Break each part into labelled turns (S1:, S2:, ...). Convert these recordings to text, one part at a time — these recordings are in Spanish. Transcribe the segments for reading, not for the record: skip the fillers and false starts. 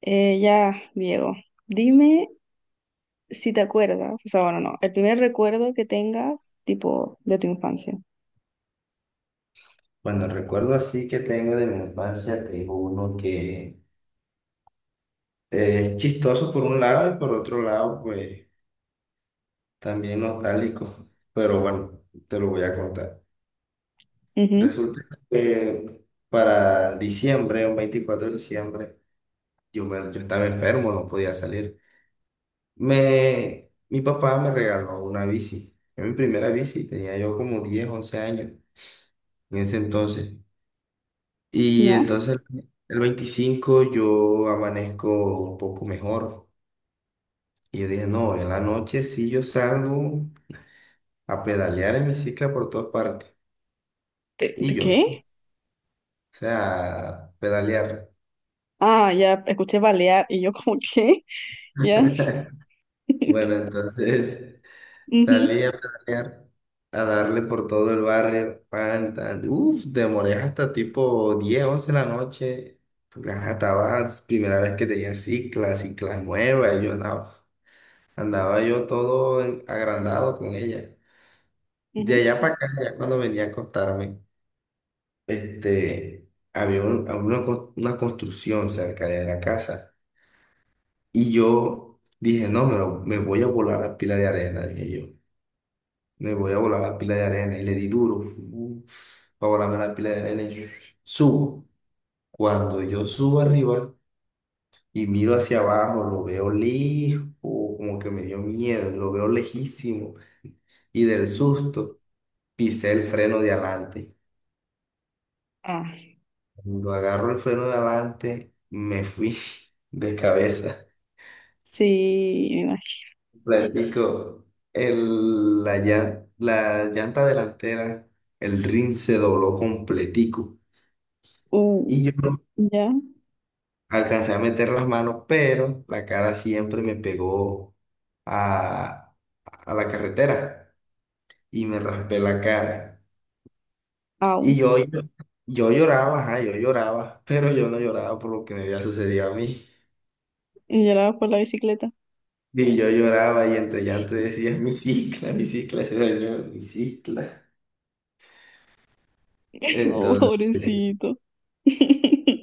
S1: Ya, Diego, dime si te acuerdas, o sea, bueno, no, el primer recuerdo que tengas, tipo, de tu infancia.
S2: Bueno, recuerdo así que tengo de mi infancia que es uno que es chistoso por un lado y por otro lado, pues también nostálgico. Pero bueno, te lo voy a contar.
S1: Ujú.
S2: Resulta que para diciembre, un 24 de diciembre, yo estaba enfermo, no podía salir. Mi papá me regaló una bici. Era mi primera bici, tenía yo como 10 11 años en ese entonces. Y
S1: ¿Ya?
S2: entonces el 25 yo amanezco un poco mejor. Y yo dije, no, en la noche sí yo salgo a pedalear en bicicleta por todas partes.
S1: ¿De,
S2: Y
S1: de
S2: yo, o
S1: qué?
S2: sea, pedalear.
S1: Ah, ya, escuché balear y yo como, ¿qué? ¿Ya?
S2: Bueno, entonces
S1: Ujú,
S2: salí a pedalear, a darle por todo el barrio. Pan, tan. Uf, demoré hasta tipo 10 11 de la noche. Porque ajá, estaba primera vez que tenía cicla nueva. Y yo, no. Andaba yo todo agrandado con ella. De
S1: ujú.
S2: allá para acá, ya cuando venía a acostarme, este, había una construcción cerca de la casa. Y yo dije, no, me voy a volar la pila de arena, dije yo. Me voy a volar la pila de arena. Y le di duro, para volarme la pila de arena. Y subo. Cuando yo subo arriba y miro hacia abajo, lo veo lejos, como que me dio miedo, lo veo lejísimo. Y del susto, pisé el freno de adelante.
S1: Ah,
S2: Cuando agarro el freno de adelante, me fui de cabeza.
S1: sí, me imagino.
S2: Platico, la llanta delantera, el rin se dobló completico.
S1: Uh,
S2: Y yo
S1: ¿Ya?
S2: alcancé a meter las manos, pero la cara siempre me pegó a, a la carretera y me raspé la cara. Y
S1: Au.
S2: yo lloraba, ajá, yo lloraba, pero yo no lloraba por lo que me había sucedido a mí.
S1: Y lloraba por la bicicleta.
S2: Y yo lloraba y entre llanto decía, mi cicla se dañó, mi cicla.
S1: Oh,
S2: Entonces,
S1: pobrecito.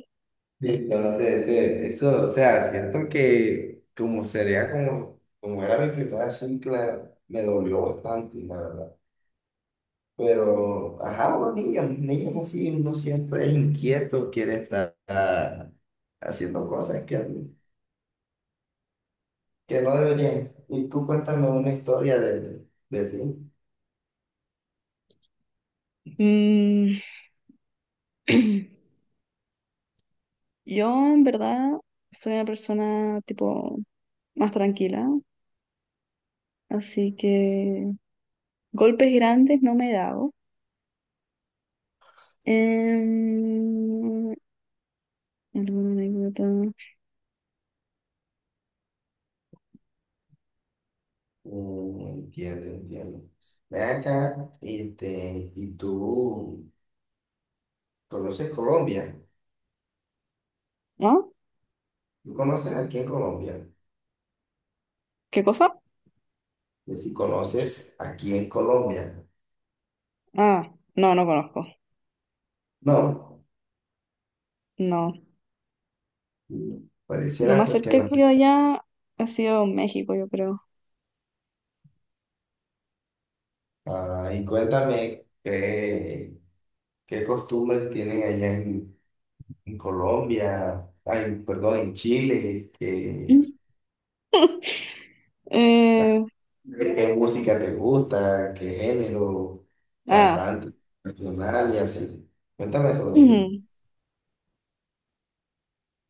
S2: eso, o sea, siento que como sería como, como era mi primera cicla, me dolió bastante, la verdad. Pero, ajá, los niños, niños así, uno siempre es inquieto, quiere estar haciendo cosas que no deberían. Y tú cuéntame una historia de ti.
S1: Mm. Yo, en verdad, soy una persona tipo más tranquila, así que golpes grandes no me he dado. Em, ¿Alguna anécdota?
S2: Mm, entiendo, entiendo. Ve acá, este, y tú conoces Colombia.
S1: ¿No?
S2: ¿Tú conoces aquí en Colombia?
S1: ¿Qué cosa?
S2: Y si conoces aquí en Colombia.
S1: Ah, no, no conozco.
S2: No,
S1: No. Lo
S2: pareciera
S1: más
S2: porque
S1: cerca que
S2: no.
S1: yo allá ha sido México, yo creo.
S2: Ah, y cuéntame qué costumbres tienen allá en Colombia, ay, perdón, en Chile, que, las.
S1: Eh,
S2: ¿Qué música te gusta? ¿Qué género?
S1: ah,
S2: ¿Cantante? ¿Nacional y así? Cuéntame sobre ti.
S1: Ujú,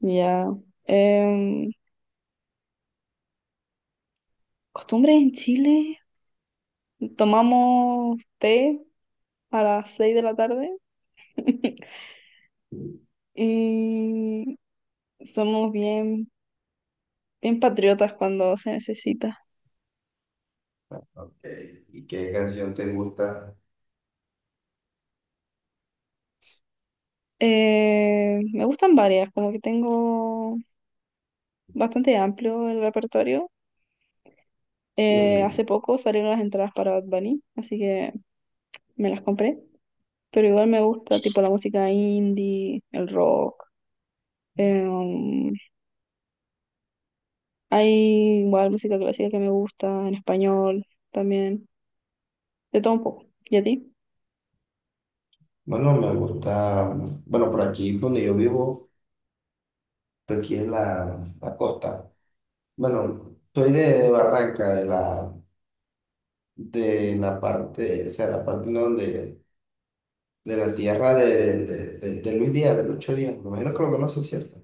S1: ya. Em, Costumbres en Chile, tomamos té a las 6 de la tarde. Y somos bien, bien patriotas cuando se necesita.
S2: Ok. ¿y qué canción te gusta?
S1: Me gustan varias, como que tengo bastante amplio el repertorio.
S2: Mm,
S1: Hace poco salieron las entradas para Bad Bunny, así que me las compré. Pero igual me gusta tipo la música indie, el rock. eh, um, Hay igual música clásica que me gusta, en español también. De todo un poco. ¿Y a ti?
S2: Bueno, me gusta, bueno, por aquí donde yo vivo, por aquí es la costa. Bueno, soy de Barranca, de la parte, o sea, la parte donde, de la tierra de Luis Díaz, de Lucho Díaz. Me imagino que lo conoces, ¿cierto?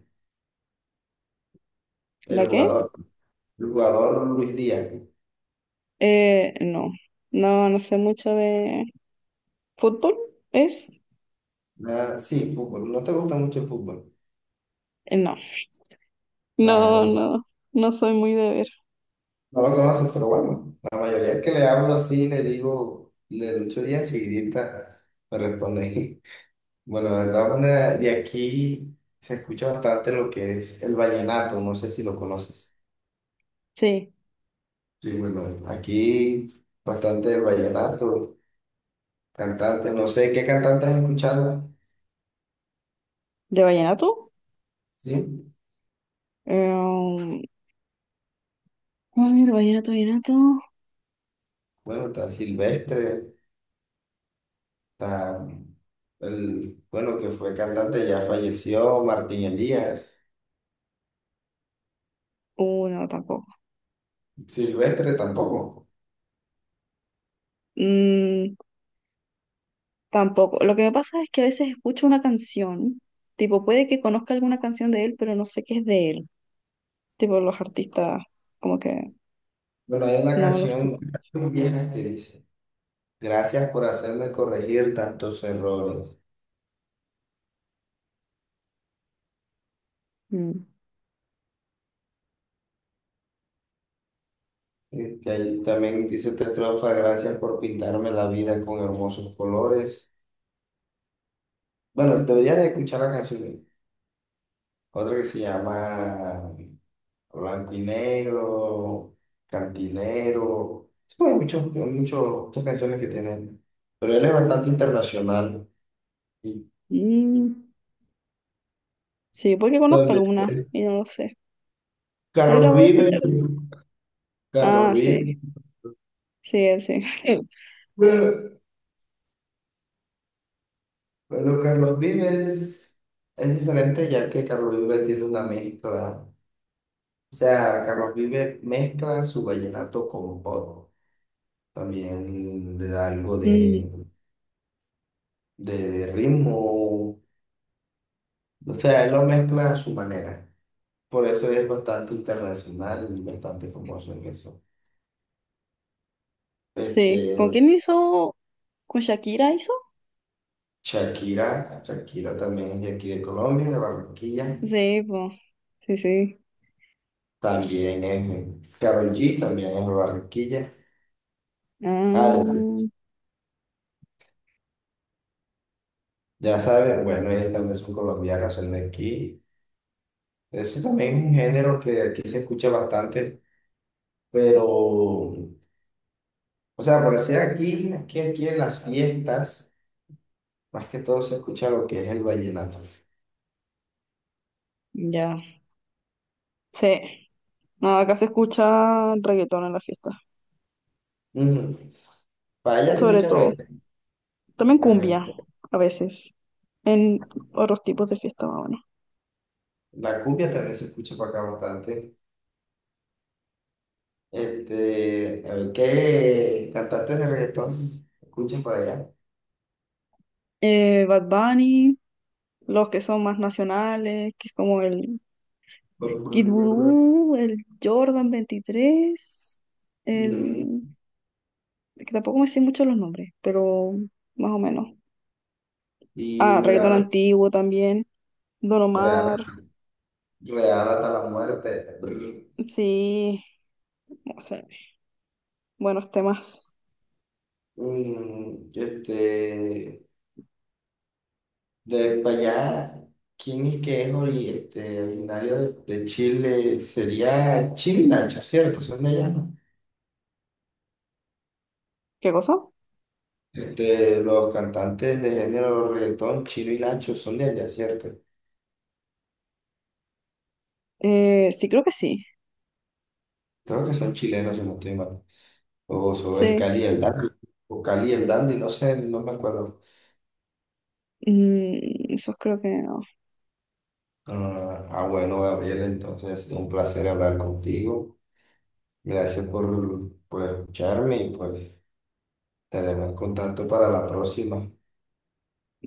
S1: ¿La
S2: El
S1: qué?
S2: jugador, el jugador Luis Díaz.
S1: No. No, no sé mucho de ¿fútbol? ¿Es?
S2: Ah, sí, fútbol. No te gusta mucho el fútbol.
S1: No,
S2: Nada,
S1: no,
S2: conoces.
S1: no, no soy muy de ver.
S2: No lo conoces, pero bueno, la mayoría que le hablo así, le digo, le lucho día enseguidita, me responde. Bueno, la verdad, de aquí se escucha bastante lo que es el vallenato, no sé si lo conoces.
S1: Sí,
S2: Sí, bueno, aquí bastante el vallenato, cantante, no sé qué cantante has escuchado,
S1: ¿de vallenato?
S2: ¿sí?
S1: Em, a ver, vallenato, vallenato.
S2: Bueno, está Silvestre. Está el, bueno, que fue cantante, ya falleció, Martín Elías.
S1: No, tampoco.
S2: Silvestre tampoco.
S1: Mm, tampoco. Lo que me pasa es que a veces escucho una canción, tipo, puede que conozca alguna canción de él, pero no sé qué es de él. Tipo, los artistas, como que
S2: Bueno, hay una
S1: no me lo sé.
S2: canción vieja que dice, gracias por hacerme corregir tantos errores.
S1: Mm.
S2: Y ahí también dice otra estrofa, gracias por pintarme la vida con hermosos colores. Bueno, deberías de escuchar la canción. Otra que se llama Blanco y Negro, Cantinero. Bueno, muchas canciones que tienen. Pero él es bastante internacional. Y
S1: Mm, sí, puede que conozca
S2: donde-
S1: alguna y no lo sé. Ahí la
S2: Carlos
S1: voy a escuchar.
S2: Vives, Carlos
S1: Ah,
S2: Vives.
S1: sí, sí, él sí.
S2: Pero bueno, Carlos Vives es diferente ya que Carlos Vives tiene una mezcla. O sea, Carlos Vives mezcla su vallenato con pop. También le da algo
S1: Mm.
S2: de ritmo. O sea, él lo mezcla a su manera. Por eso es bastante internacional y bastante famoso en eso.
S1: Sí.
S2: Este,
S1: ¿Con quién hizo? ¿Con Shakira hizo?
S2: Shakira también es de aquí de Colombia, de Barranquilla.
S1: Sí, po. Sí, sí.
S2: También es Karol G, también es de Barranquilla. Ah,
S1: Ah,
S2: ya sabes, bueno, ellas también son colombianas, son de aquí. Eso también es un género que aquí se escucha bastante, pero, o sea, por decir aquí en las fiestas, más que todo se escucha lo que es el vallenato.
S1: ya. Sí. No, acá se escucha reggaetón en la fiesta.
S2: Ujú. Para allá se
S1: Sobre
S2: escucha
S1: todo.
S2: reggaetón.
S1: También cumbia, a veces. En otros tipos de fiesta, más o menos.
S2: La cumbia también se escucha por acá bastante. Este, a ver, ¿qué cantantes de reggaetón escuchas por allá?
S1: Bad Bunny, los que son más nacionales, que es como el Kid Voodoo, el Jordan 23,
S2: Mm.
S1: el... que tampoco me sé mucho los nombres, pero más o menos.
S2: Y
S1: Ah, reggaetón antiguo también. Don
S2: real,
S1: Omar.
S2: real hasta la muerte.
S1: Sí, no sé. Buenos temas.
S2: Mm. Este, de para allá, ¿quién es que es originario de Chile? Sería Chino y Nacho, ¿cierto? Son de allá, ¿no?
S1: ¿Qué cosa?
S2: Este, los cantantes de género reggaetón, Chino y Nacho, son de allá, ¿cierto?
S1: Sí, creo que sí.
S2: Creo que son chilenos, si no estoy mal. O es
S1: Sí.
S2: Cali y el Dandy. O Cali y el Dandy, no sé, no me acuerdo.
S1: Mm, esos creo que no.
S2: Bueno, Gabriel, entonces, un placer hablar contigo. Gracias por escucharme y pues estaremos en contacto para la próxima.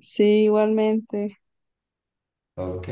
S1: Sí, igualmente.
S2: Ok.